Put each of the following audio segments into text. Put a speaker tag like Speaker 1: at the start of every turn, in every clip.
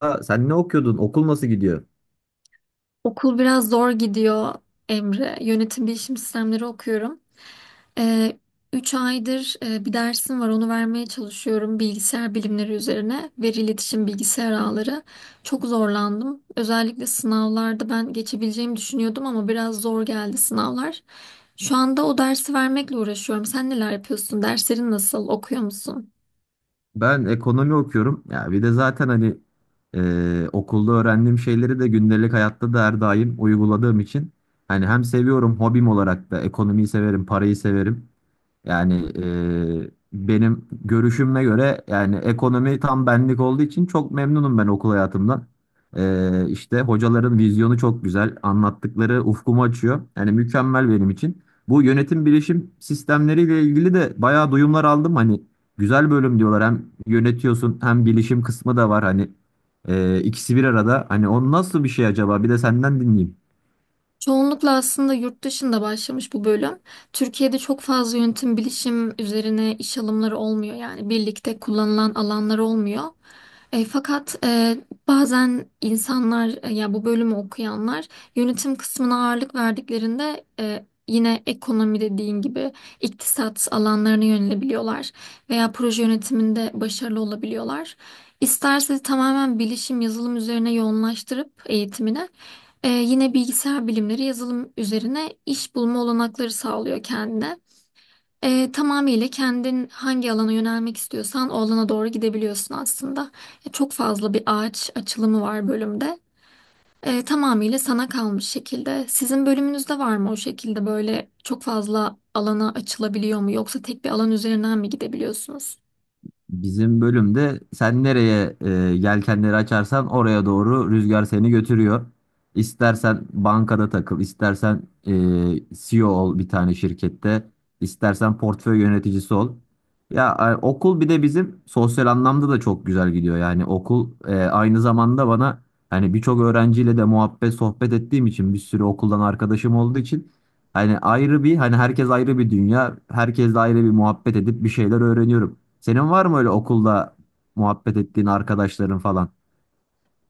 Speaker 1: Aa, sen ne okuyordun? Okul nasıl gidiyor?
Speaker 2: Okul biraz zor gidiyor, Emre. Yönetim bilişim sistemleri okuyorum. Ee, 3 aydır bir dersim var onu vermeye çalışıyorum bilgisayar bilimleri üzerine. Veri iletişim bilgisayar ağları. Çok zorlandım. Özellikle sınavlarda ben geçebileceğimi düşünüyordum ama biraz zor geldi sınavlar. Şu anda o dersi vermekle uğraşıyorum. Sen neler yapıyorsun? Derslerin nasıl? Okuyor musun?
Speaker 1: Ben ekonomi okuyorum. Ya bir de zaten hani okulda öğrendiğim şeyleri de gündelik hayatta da her daim uyguladığım için hani hem seviyorum hobim olarak da ekonomiyi severim, parayı severim. Yani benim görüşüme göre yani ekonomi tam benlik olduğu için çok memnunum ben okul hayatımdan. İşte hocaların vizyonu çok güzel, anlattıkları ufkumu açıyor. Yani mükemmel benim için. Bu yönetim bilişim sistemleriyle ilgili de bayağı duyumlar aldım. Hani güzel bölüm diyorlar. Hem yönetiyorsun hem bilişim kısmı da var. Hani ikisi bir arada. Hani o nasıl bir şey acaba? Bir de senden dinleyeyim.
Speaker 2: Çoğunlukla aslında yurt dışında başlamış bu bölüm. Türkiye'de çok fazla yönetim bilişim üzerine iş alımları olmuyor, yani birlikte kullanılan alanlar olmuyor. Fakat bazen insanlar, ya bu bölümü okuyanlar yönetim kısmına ağırlık verdiklerinde, yine ekonomi dediğin gibi iktisat alanlarına yönelebiliyorlar veya proje yönetiminde başarılı olabiliyorlar. İsterse tamamen bilişim yazılım üzerine yoğunlaştırıp eğitimine, yine bilgisayar bilimleri yazılım üzerine iş bulma olanakları sağlıyor kendine. Tamamıyla kendin hangi alana yönelmek istiyorsan o alana doğru gidebiliyorsun aslında. Çok fazla bir ağaç açılımı var bölümde. Tamamıyla sana kalmış şekilde. Sizin bölümünüzde var mı o şekilde, böyle çok fazla alana açılabiliyor mu yoksa tek bir alan üzerinden mi gidebiliyorsunuz?
Speaker 1: Bizim bölümde sen nereye yelkenleri açarsan oraya doğru rüzgar seni götürüyor. İstersen bankada takıl, istersen CEO ol bir tane şirkette, istersen portföy yöneticisi ol. Ya okul bir de bizim sosyal anlamda da çok güzel gidiyor. Yani okul aynı zamanda bana hani birçok öğrenciyle de muhabbet sohbet ettiğim için bir sürü okuldan arkadaşım olduğu için hani ayrı bir hani herkes ayrı bir dünya, herkesle ayrı bir muhabbet edip bir şeyler öğreniyorum. Senin var mı öyle okulda muhabbet ettiğin arkadaşların falan?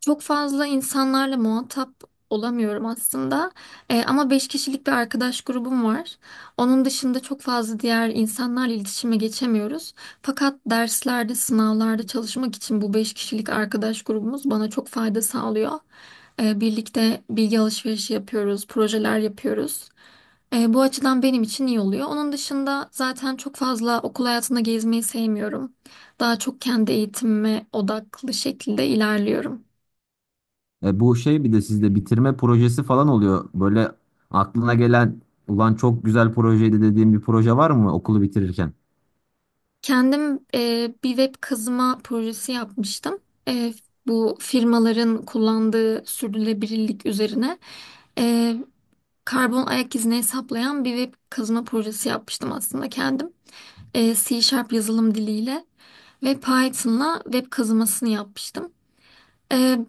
Speaker 2: Çok fazla insanlarla muhatap olamıyorum aslında. Ama beş kişilik bir arkadaş grubum var. Onun dışında çok fazla diğer insanlarla iletişime geçemiyoruz. Fakat derslerde, sınavlarda çalışmak için bu beş kişilik arkadaş grubumuz bana çok fayda sağlıyor. Birlikte bilgi alışverişi yapıyoruz, projeler yapıyoruz. Bu açıdan benim için iyi oluyor. Onun dışında zaten çok fazla okul hayatında gezmeyi sevmiyorum. Daha çok kendi eğitimime odaklı şekilde ilerliyorum.
Speaker 1: E bu şey bir de sizde bitirme projesi falan oluyor. Böyle aklına gelen ulan çok güzel projeydi dediğin bir proje var mı okulu bitirirken?
Speaker 2: Kendim bir web kazıma projesi yapmıştım. E, Bu firmaların kullandığı sürdürülebilirlik üzerine, e, karbon ayak izini hesaplayan bir web kazıma projesi yapmıştım aslında kendim. C# Sharp yazılım diliyle ve Python'la web kazımasını yapmıştım. E,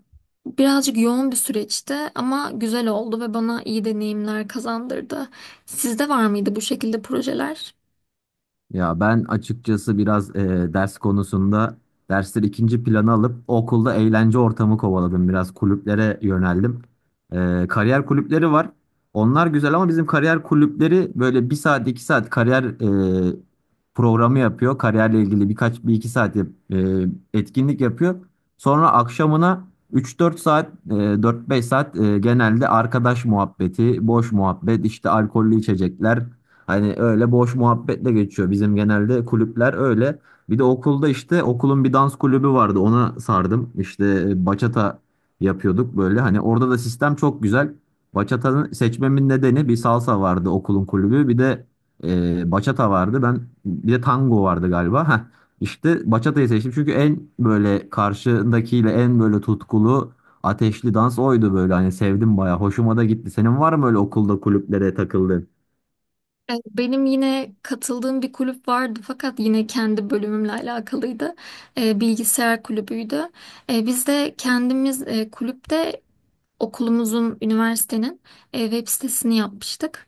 Speaker 2: Birazcık yoğun bir süreçti ama güzel oldu ve bana iyi deneyimler kazandırdı. Sizde var mıydı bu şekilde projeler?
Speaker 1: Ya ben açıkçası biraz ders konusunda dersleri ikinci plana alıp okulda eğlence ortamı kovaladım. Biraz kulüplere yöneldim. Kariyer kulüpleri var. Onlar güzel ama bizim kariyer kulüpleri böyle bir saat iki saat kariyer e, programı yapıyor. Kariyerle ilgili birkaç bir iki saat e, etkinlik yapıyor. Sonra akşamına üç dört saat 4-5 saat genelde arkadaş muhabbeti, boş muhabbet, işte alkollü içecekler. Hani öyle boş muhabbetle geçiyor. Bizim genelde kulüpler öyle. Bir de okulda işte okulun bir dans kulübü vardı. Ona sardım. İşte bachata yapıyorduk böyle. Hani orada da sistem çok güzel. Bachata'nın seçmemin nedeni bir salsa vardı okulun kulübü. Bir de bachata vardı. Ben bir de tango vardı galiba. Heh. İşte bachata'yı seçtim. Çünkü en böyle karşındakiyle en böyle tutkulu ateşli dans oydu böyle. Hani sevdim bayağı. Hoşuma da gitti. Senin var mı öyle okulda kulüplere takıldığın?
Speaker 2: Benim yine katıldığım bir kulüp vardı fakat yine kendi bölümümle alakalıydı. Bilgisayar kulübüydü. Biz de kendimiz kulüpte okulumuzun, üniversitenin, web sitesini yapmıştık.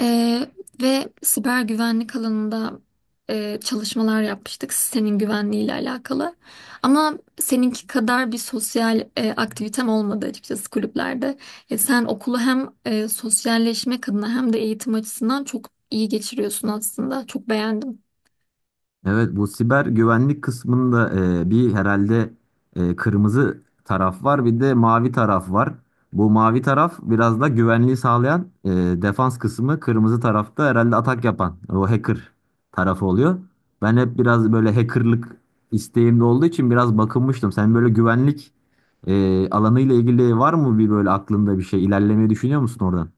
Speaker 2: E, Ve siber güvenlik alanında, çalışmalar yapmıştık sitenin güvenliği ile alakalı. Ama seninki kadar bir sosyal aktivitem olmadı açıkçası kulüplerde. Sen okulu hem sosyalleşmek adına hem de eğitim açısından çok iyi geçiriyorsun aslında. Çok beğendim.
Speaker 1: Evet bu siber güvenlik kısmında bir herhalde kırmızı taraf var bir de mavi taraf var. Bu mavi taraf biraz da güvenliği sağlayan defans kısmı kırmızı tarafta herhalde atak yapan o hacker tarafı oluyor. Ben hep biraz böyle hackerlık isteğimde olduğu için biraz bakınmıştım. Sen böyle güvenlik alanıyla ilgili var mı bir böyle aklında bir şey ilerlemeyi düşünüyor musun oradan?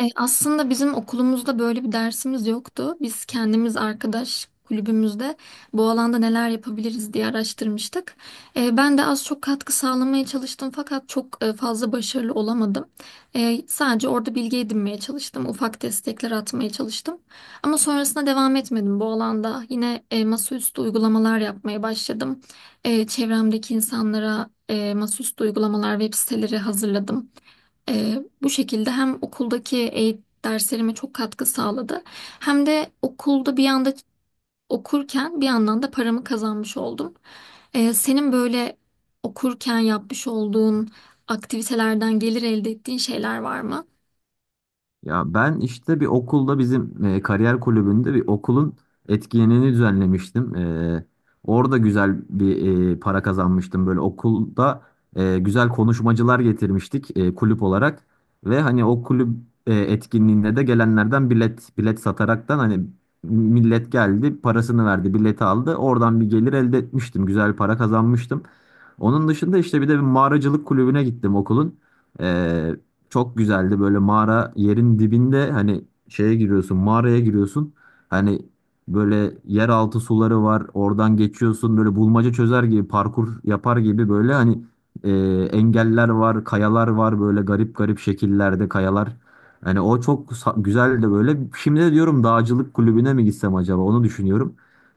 Speaker 2: Aslında bizim okulumuzda böyle bir dersimiz yoktu. Biz kendimiz arkadaş kulübümüzde bu alanda neler yapabiliriz diye araştırmıştık. Ben de az çok katkı sağlamaya çalıştım fakat çok fazla başarılı olamadım. Sadece orada bilgi edinmeye çalıştım, ufak destekler atmaya çalıştım. Ama sonrasında devam etmedim bu alanda. Yine masaüstü uygulamalar yapmaya başladım. Çevremdeki insanlara, masaüstü uygulamalar, web siteleri hazırladım. Bu şekilde hem okuldaki eğitim derslerime çok katkı sağladı hem de okulda bir yanda okurken bir yandan da paramı kazanmış oldum. Senin böyle okurken yapmış olduğun aktivitelerden gelir elde ettiğin şeyler var mı?
Speaker 1: Ya ben işte bir okulda bizim kariyer kulübünde bir okulun etkinliğini düzenlemiştim. Orada güzel bir para kazanmıştım. Böyle okulda güzel konuşmacılar getirmiştik kulüp olarak. Ve hani o kulüp etkinliğinde de gelenlerden bilet sataraktan hani millet geldi, parasını verdi, bileti aldı. Oradan bir gelir elde etmiştim. Güzel para kazanmıştım. Onun dışında işte bir de bir mağaracılık kulübüne gittim okulun. E, çok güzeldi böyle mağara yerin dibinde hani şeye giriyorsun mağaraya giriyorsun. Hani böyle yeraltı suları var oradan geçiyorsun böyle bulmaca çözer gibi parkur yapar gibi böyle hani e, engeller var kayalar var böyle garip garip şekillerde kayalar. Hani o güzeldi böyle. Şimdi de diyorum dağcılık kulübüne mi gitsem acaba onu düşünüyorum.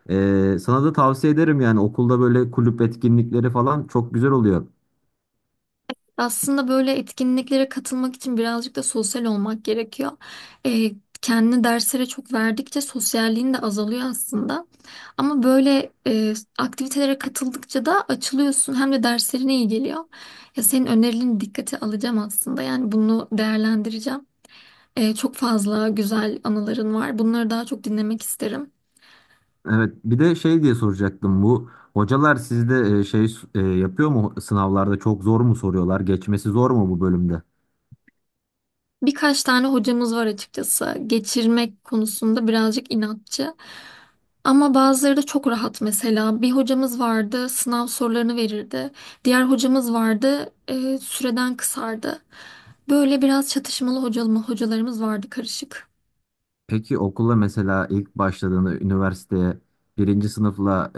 Speaker 1: E, sana da tavsiye ederim yani okulda böyle kulüp etkinlikleri falan çok güzel oluyor.
Speaker 2: Aslında böyle etkinliklere katılmak için birazcık da sosyal olmak gerekiyor. Ee, Kendini derslere çok verdikçe sosyalliğin de azalıyor aslında. Ama böyle aktivitelere katıldıkça da açılıyorsun hem de derslerine iyi geliyor. Ya senin önerilerini dikkate alacağım aslında. Yani bunu değerlendireceğim. Çok fazla güzel anıların var. Bunları daha çok dinlemek isterim.
Speaker 1: Evet, bir de şey diye soracaktım. Bu hocalar sizde yapıyor mu sınavlarda çok zor mu soruyorlar? Geçmesi zor mu bu bölümde?
Speaker 2: Birkaç tane hocamız var açıkçası. Geçirmek konusunda birazcık inatçı. Ama bazıları da çok rahat mesela. Bir hocamız vardı, sınav sorularını verirdi. Diğer hocamız vardı, süreden kısardı. Böyle biraz çatışmalı hocalarımız vardı, karışık.
Speaker 1: Peki okula mesela ilk başladığında üniversiteye birinci sınıfla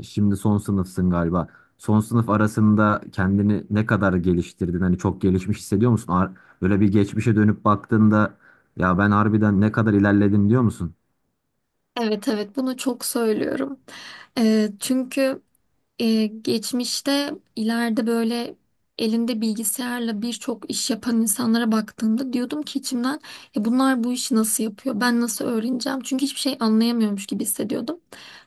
Speaker 1: şimdi son sınıfsın galiba. Son sınıf arasında kendini ne kadar geliştirdin? Hani çok gelişmiş hissediyor musun? Böyle bir geçmişe dönüp baktığında ya ben harbiden ne kadar ilerledim diyor musun?
Speaker 2: Evet, evet, bunu çok söylüyorum. Çünkü, geçmişte ileride böyle elinde bilgisayarla birçok iş yapan insanlara baktığımda diyordum ki içimden, ya bunlar bu işi nasıl yapıyor? Ben nasıl öğreneceğim? Çünkü hiçbir şey anlayamıyormuş gibi hissediyordum.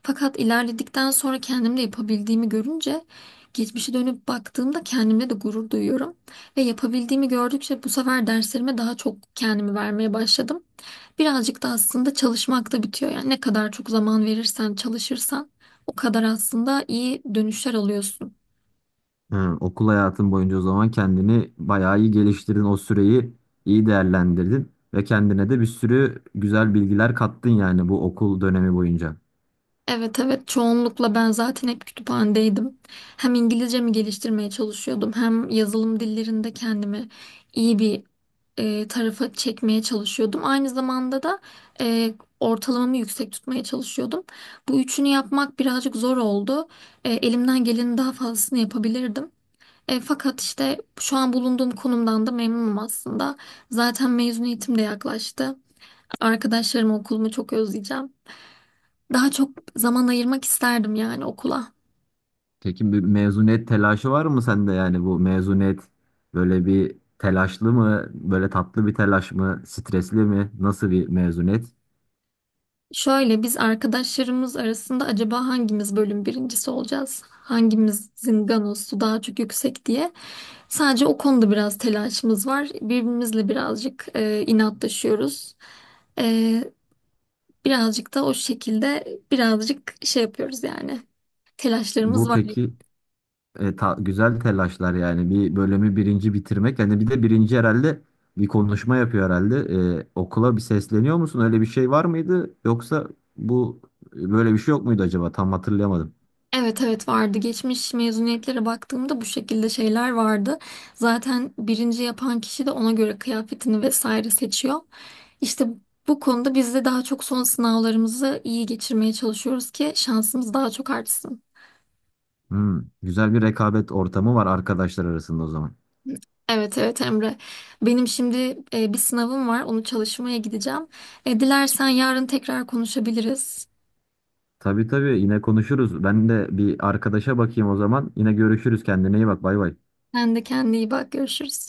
Speaker 2: Fakat ilerledikten sonra kendimde yapabildiğimi görünce, geçmişe dönüp baktığımda kendimle de gurur duyuyorum. Ve yapabildiğimi gördükçe bu sefer derslerime daha çok kendimi vermeye başladım. Birazcık da aslında çalışmakta bitiyor. Yani ne kadar çok zaman verirsen, çalışırsan o kadar aslında iyi dönüşler alıyorsun.
Speaker 1: Ha, okul hayatın boyunca o zaman kendini bayağı iyi geliştirdin. O süreyi iyi değerlendirdin ve kendine de bir sürü güzel bilgiler kattın yani bu okul dönemi boyunca.
Speaker 2: Evet, evet, çoğunlukla ben zaten hep kütüphanedeydim. Hem İngilizcemi geliştirmeye çalışıyordum, hem yazılım dillerinde kendimi iyi bir tarafa çekmeye çalışıyordum. Aynı zamanda da e, ortalamamı yüksek tutmaya çalışıyordum. Bu üçünü yapmak birazcık zor oldu. Elimden gelenin daha fazlasını yapabilirdim. Fakat işte şu an bulunduğum konumdan da memnunum aslında. Zaten mezuniyetim de yaklaştı. Arkadaşlarım, okulumu çok özleyeceğim. Daha çok zaman ayırmak isterdim yani okula.
Speaker 1: Peki bir mezuniyet telaşı var mı sende yani bu mezuniyet böyle bir telaşlı mı, böyle tatlı bir telaş mı, stresli mi, nasıl bir mezuniyet?
Speaker 2: Şöyle, biz arkadaşlarımız arasında acaba hangimiz bölüm birincisi olacağız? Hangimizin ganosu daha çok yüksek diye. Sadece o konuda biraz telaşımız var. Birbirimizle birazcık inatlaşıyoruz. E, Birazcık da o şekilde birazcık şey yapıyoruz yani. Telaşlarımız
Speaker 1: Bu
Speaker 2: var.
Speaker 1: peki güzel telaşlar yani bir bölümü birinci bitirmek hani bir de birinci herhalde bir konuşma yapıyor herhalde. E, okula bir sesleniyor musun öyle bir şey var mıydı yoksa bu böyle bir şey yok muydu acaba tam hatırlayamadım.
Speaker 2: Evet, evet, vardı. Geçmiş mezuniyetlere baktığımda bu şekilde şeyler vardı. Zaten birinci yapan kişi de ona göre kıyafetini vesaire seçiyor. İşte bu konuda biz de daha çok son sınavlarımızı iyi geçirmeye çalışıyoruz ki şansımız daha çok artsın.
Speaker 1: Hmm, güzel bir rekabet ortamı var arkadaşlar arasında o zaman.
Speaker 2: Evet, evet, Emre. Benim şimdi bir sınavım var. Onu çalışmaya gideceğim. Dilersen yarın tekrar konuşabiliriz.
Speaker 1: Tabii tabii yine konuşuruz ben de bir arkadaşa bakayım o zaman yine görüşürüz kendine iyi bak bay bay.
Speaker 2: Sen de kendine iyi bak. Görüşürüz.